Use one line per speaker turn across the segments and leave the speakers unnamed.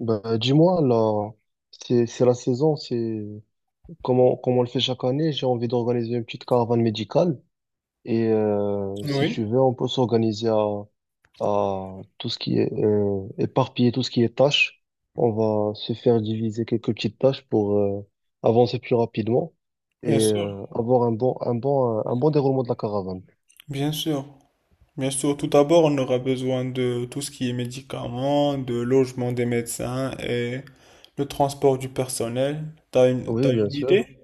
Bah, dis-moi, là, c'est la saison, comment on le fait chaque année. J'ai envie d'organiser une petite caravane médicale. Et si
Oui,
tu veux, on peut s'organiser à tout ce qui est éparpiller tout ce qui est tâches. On va se faire diviser quelques petites tâches pour avancer plus rapidement et
bien sûr,
avoir un bon déroulement de la caravane.
bien sûr. Bien sûr, tout d'abord, on aura besoin de tout ce qui est médicaments, de logement des médecins et le transport du personnel. T'as une,
Oui,
t'as
bien
une
sûr.
idée?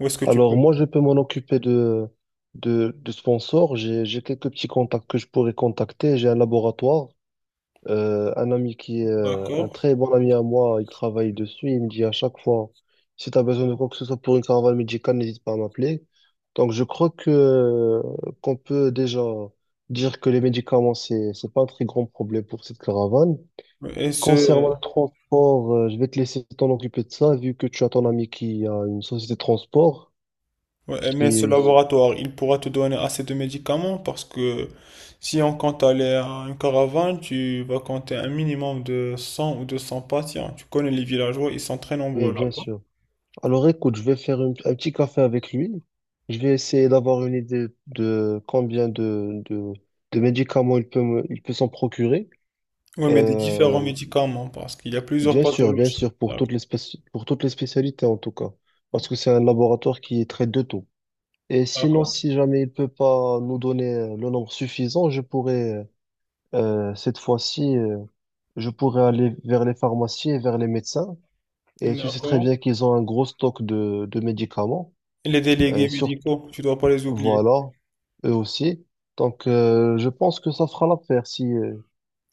Où est-ce que tu
Alors
peux?
moi, je peux m'en occuper de, de sponsors. J'ai quelques petits contacts que je pourrais contacter. J'ai un laboratoire, un ami qui est un
D'accord.
très bon ami à moi, il travaille dessus. Il me dit à chaque fois, si tu as besoin de quoi que ce soit pour une caravane médicale, n'hésite pas à m'appeler. Donc je crois que qu'on peut déjà dire que les médicaments, c'est pas un très grand problème pour cette caravane.
Et ce,
Concernant le transport, je vais te laisser t'en occuper de ça, vu que tu as ton ami qui a une société de transport.
ouais, mais ce
Si.
laboratoire, il pourra te donner assez de médicaments parce que si on compte aller à une caravane, tu vas compter un minimum de 100 ou 200 patients. Tu connais les villageois, ils sont très
Oui,
nombreux là.
bien sûr. Alors écoute, je vais faire un petit café avec lui. Je vais essayer d'avoir une idée de combien de, de médicaments il peut s'en procurer.
Oui, mais des différents
Euh,
médicaments, parce qu'il y a plusieurs
Bien sûr, bien
pathologies.
sûr, pour
D'accord.
pour toutes les spécialités en tout cas. Parce que c'est un laboratoire qui traite de tout. Et sinon,
D'accord.
si jamais il peut pas nous donner le nombre suffisant, cette fois-ci, je pourrais aller vers les pharmacies et vers les médecins. Et tu sais très
D'accord.
bien qu'ils ont un gros stock de médicaments.
Et les délégués
Surtout,
médicaux, tu dois pas les oublier.
voilà, eux aussi. Donc, je pense que ça fera l'affaire si, euh,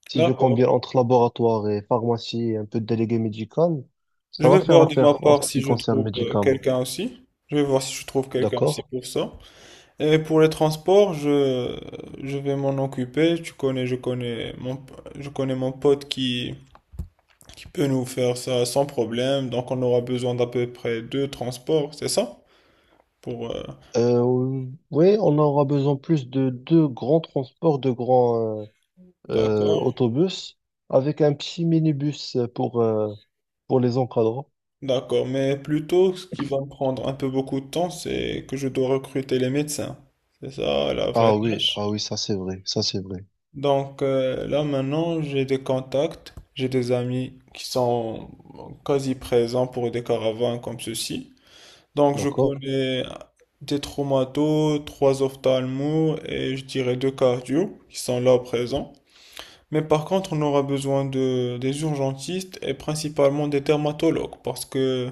si je
D'accord.
combine entre laboratoire et pharmacie et un peu de délégué médical.
Je
Ça
vais
va faire
voir de ma
l'affaire en ce
part si
qui
je
concerne le
trouve
médicament.
quelqu'un aussi. Je vais voir si je trouve quelqu'un aussi
D'accord?
pour ça. Et pour les transports, je vais m'en occuper. Tu connais, je connais mon pote qui peut nous faire ça sans problème. Donc on aura besoin d'à peu près deux transports, c'est ça? Pour,
Euh, oui, on aura besoin plus de deux grands transports, de grands
d'accord.
autobus, avec un petit minibus pour les encadrants.
D'accord, mais plutôt ce qui va me prendre un peu beaucoup de temps, c'est que je dois recruter les médecins. C'est ça la vraie
Ah oui,
tâche.
ah oui, ça c'est vrai, ça c'est vrai.
Donc là maintenant, j'ai des contacts, j'ai des amis qui sont quasi présents pour des caravanes comme ceci. Donc je
D'accord?
connais des traumatos, trois ophtalmos et je dirais deux cardio qui sont là présents. Mais par contre, on aura besoin de des urgentistes et principalement des dermatologues parce que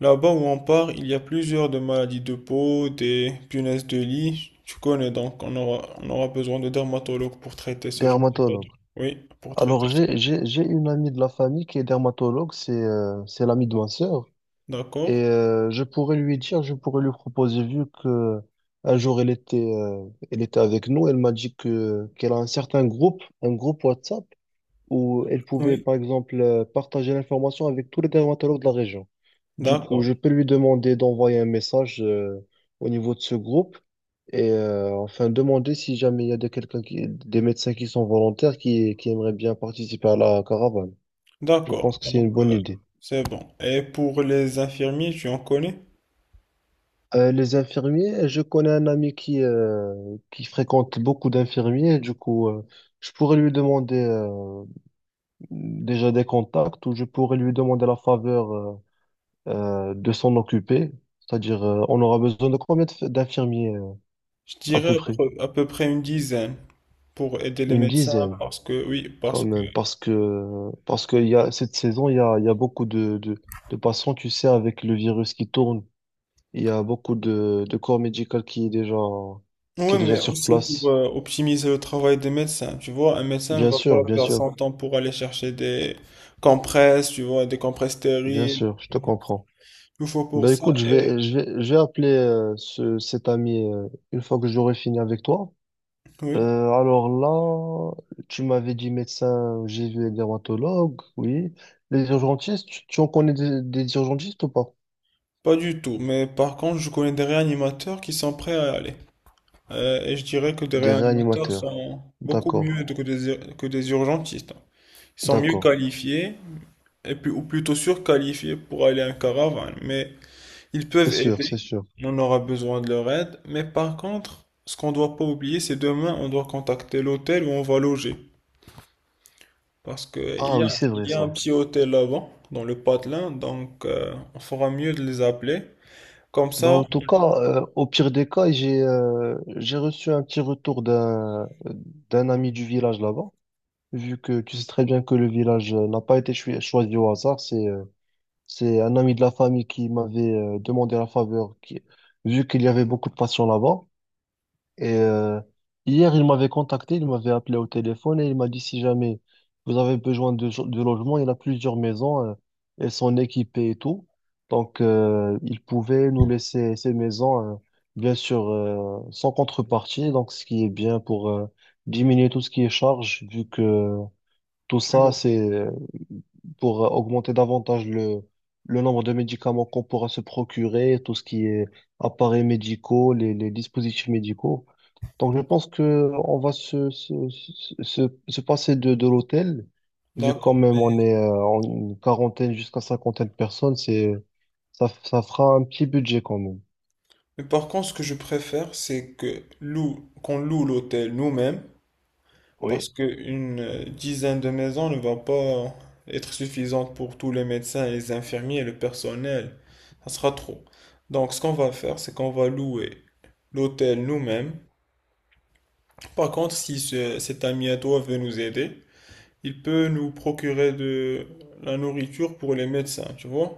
là-bas où on part, il y a plusieurs de maladies de peau, des punaises de lit, tu connais, donc on aura besoin de dermatologues pour traiter ce genre de
Dermatologue.
pathologie. Oui, pour traiter
Alors,
ça.
j'ai une amie de la famille qui est dermatologue, c'est l'amie de ma sœur. Et
D'accord?
je pourrais lui dire, je pourrais lui proposer, vu que un jour elle était avec nous, elle m'a dit que qu'elle a un certain groupe, un groupe WhatsApp où elle pouvait,
Oui.
par exemple, partager l'information avec tous les dermatologues de la région. Du coup,
D'accord.
je peux lui demander d'envoyer un message au niveau de ce groupe et enfin demander si jamais il y a de quelqu'un des médecins qui sont volontaires qui aimeraient bien participer à la caravane. Je
D'accord.
pense que c'est une
Donc,
bonne idée.
c'est bon. Et pour les infirmiers, tu en connais?
Les infirmiers, je connais un ami qui fréquente beaucoup d'infirmiers. Du coup, je pourrais lui demander déjà des contacts ou je pourrais lui demander la faveur de s'en occuper. C'est-à-dire, on aura besoin de combien d'infirmiers
Je
à
dirais
peu
à
près?
peu à peu près une dizaine pour aider les
Une
médecins
dizaine
parce que, oui,
quand
parce que
même, parce qu'il y a cette saison, il y a beaucoup de patients, tu sais, avec le virus qui tourne. Il y a beaucoup de corps médical qui est déjà qui
oui,
est déjà
mais
sur
aussi pour
place.
optimiser le travail des médecins. Tu vois, un médecin ne
Bien
va pas
sûr, bien
perdre son
sûr,
temps pour aller chercher des compresses, tu vois, des compresses
bien
stériles.
sûr, je te comprends.
Il faut pour
Ben
ça.
écoute, je
Et...
vais je vais je vais appeler cet ami une fois que j'aurai fini avec toi.
oui,
Euh, alors là, tu m'avais dit médecin, j'ai vu les dermatologues, oui. Les urgentistes, tu en connais des urgentistes ou pas?
pas du tout. Mais par contre, je connais des réanimateurs qui sont prêts à y aller. Et je dirais que des
Des
réanimateurs
réanimateurs.
sont beaucoup
D'accord,
mieux que que des urgentistes. Ils sont mieux
d'accord.
qualifiés, et puis, ou plutôt surqualifiés pour aller en caravane. Mais ils
C'est
peuvent
sûr, c'est
aider,
sûr.
on aura besoin de leur aide, mais par contre, ce qu'on ne doit pas oublier, c'est demain, on doit contacter l'hôtel où on va loger. Parce qu'il
Ah
y
oui,
a,
c'est
il
vrai
y a un
ça.
petit hôtel là-bas, dans le patelin, donc on fera mieux de les appeler. Comme
Bah,
ça,
en tout cas, au pire des cas, j'ai reçu un petit retour d'un ami du village là-bas, vu que tu sais très bien que le village n'a pas été choisi au hasard, c'est un ami de la famille qui m'avait demandé la faveur, vu qu'il y avait beaucoup de patients là-bas. Et hier, il m'avait contacté, il m'avait appelé au téléphone et il m'a dit si jamais vous avez besoin de logement, il a plusieurs maisons, elles sont équipées et tout. Donc, il pouvait nous laisser ces maisons, bien sûr, sans contrepartie. Donc, ce qui est bien pour diminuer tout ce qui est charge, vu que tout ça, c'est pour augmenter davantage le nombre de médicaments qu'on pourra se procurer, tout ce qui est appareils médicaux, les dispositifs médicaux. Donc, je pense que on va se passer de l'hôtel, vu quand
d'accord.
même on est en une quarantaine jusqu'à cinquantaine de personnes, ça fera un petit budget quand même.
Mais par contre, ce que je préfère, c'est que qu'on loue l'hôtel nous-mêmes. Parce
Oui.
qu'une dizaine de maisons ne va pas être suffisante pour tous les médecins, les infirmiers et le personnel. Ça sera trop. Donc, ce qu'on va faire, c'est qu'on va louer l'hôtel nous-mêmes. Par contre, si cet ami à toi veut nous aider, il peut nous procurer de la nourriture pour les médecins, tu vois?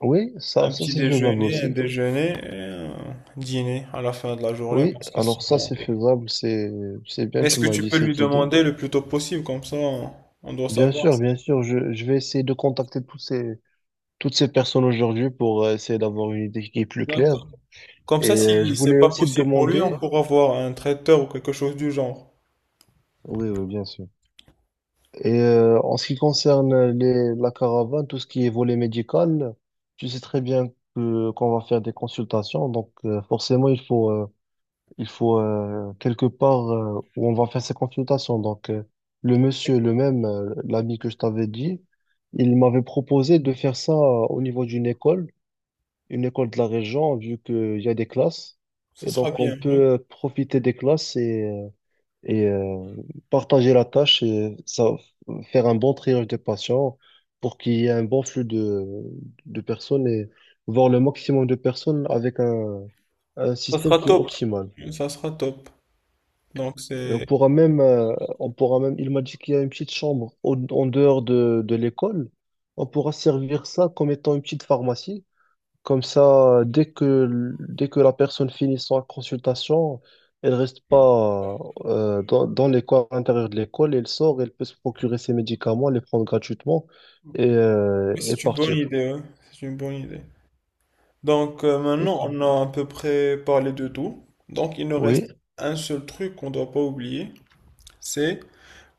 Oui,
Un
ça
petit
c'est faisable
déjeuner, un
aussi.
déjeuner et un dîner à la fin de la journée
Oui,
parce qu'ils
alors ça
seront...
c'est faisable, c'est bien,
Est-ce
tu
que
m'as
tu
dit
peux lui
cette idée.
demander le plus tôt possible, comme ça on doit savoir. Si-
Bien sûr, je vais essayer de contacter toutes ces personnes aujourd'hui pour essayer d'avoir une idée qui est plus claire.
d'accord. Comme
Et
ça,
je
si c'est
voulais
pas
aussi te
possible pour lui, on
demander,
pourra voir un traiteur ou quelque chose du genre.
oui, oui, bien sûr. Et en ce qui concerne la caravane, tout ce qui est volet médical, tu sais très bien que qu'on va faire des consultations, donc forcément il faut quelque part où on va faire ces consultations. Donc le monsieur, le même, l'ami que je t'avais dit, il m'avait proposé de faire ça au niveau d'une école. Une école de la région, vu qu'il y a des classes.
Ça
Et
sera
donc, on
bien, oui.
peut profiter des classes et partager la tâche et ça, faire un bon triage des patients pour qu'il y ait un bon flux de personnes et voir le maximum de personnes avec un
Ça
système
sera
qui est
top.
optimal.
Ça sera top. Donc
Et on
c'est
pourra même, euh, on pourra même, il m'a dit qu'il y a une petite chambre en dehors de l'école. On pourra servir ça comme étant une petite pharmacie. Comme ça, dès que la personne finit sa consultation, elle reste pas dans l'école, à l'intérieur de l'école, elle sort, elle peut se procurer ses médicaments, les prendre gratuitement et, euh,
mais
et
c'est une bonne
partir.
idée, ouais. C'est une bonne idée. Donc
C'est
maintenant,
cool.
on a à peu près parlé de tout. Donc il nous reste
Oui,
un seul truc qu'on ne doit pas oublier, c'est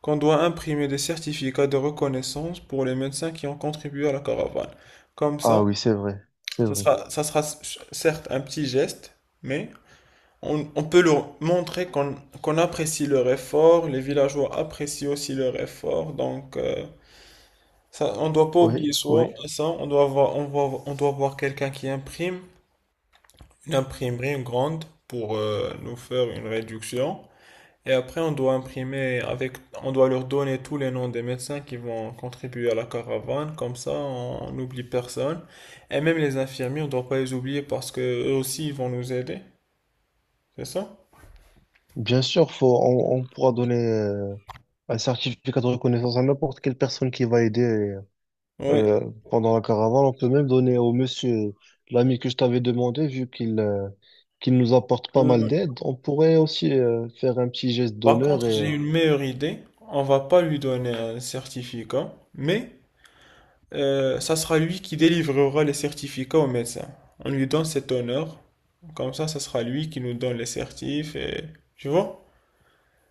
qu'on doit imprimer des certificats de reconnaissance pour les médecins qui ont contribué à la caravane. Comme ça,
ah oui, c'est vrai, c'est vrai.
ça sera certes un petit geste, mais on peut leur montrer qu'on apprécie leur effort, les villageois apprécient aussi leur effort, donc ça, on doit pas
Oui,
oublier ça,
oui.
ça, on doit avoir quelqu'un qui imprime, une imprimerie grande pour nous faire une réduction, et après on doit imprimer avec, on doit leur donner tous les noms des médecins qui vont contribuer à la caravane, comme ça on n'oublie personne, et même les infirmiers, on doit pas les oublier parce que eux aussi ils vont nous aider, c'est ça?
Bien sûr, on pourra donner un certificat de reconnaissance à n'importe quelle personne qui va aider.
Oui.
Euh, Pendant la caravane, on peut même donner au monsieur, l'ami que je t'avais demandé, vu qu'il nous apporte pas mal d'aide, on pourrait aussi faire un petit geste
Par
d'honneur
contre,
et
j'ai
euh,
une meilleure idée. On va pas lui donner un certificat, mais ça sera lui qui délivrera les certificats au médecin. On lui donne cet honneur. Comme ça sera lui qui nous donne les certifs. Et... Tu vois?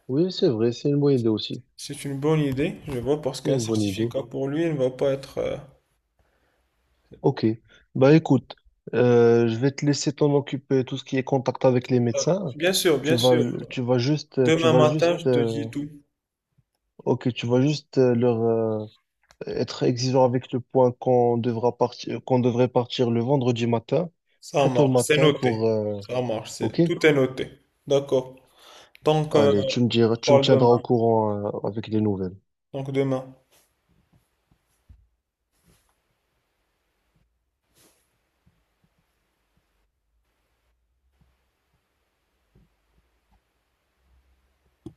Oui, c'est vrai, c'est une bonne idée aussi.
C'est une bonne idée, je vois, parce
C'est
qu'un
une bonne idée.
certificat pour lui, il ne va pas être...
Ok. Bah écoute, je vais te laisser t'en occuper tout ce qui est contact avec les
euh,
médecins.
Bien sûr,
Tu
bien
vas
sûr.
tu vas juste tu
Demain
vas
matin, je
juste
te dis tout.
ok, tu vas juste leur être exigeant avec le point qu'on devrait partir le vendredi matin,
Ça
très tôt le
marche, c'est
matin
noté. Ça marche,
ok?
c'est... tout est noté. D'accord. Donc,
Allez,
on
tu me
parle
tiendras au
demain.
courant, avec les nouvelles.
Donc demain.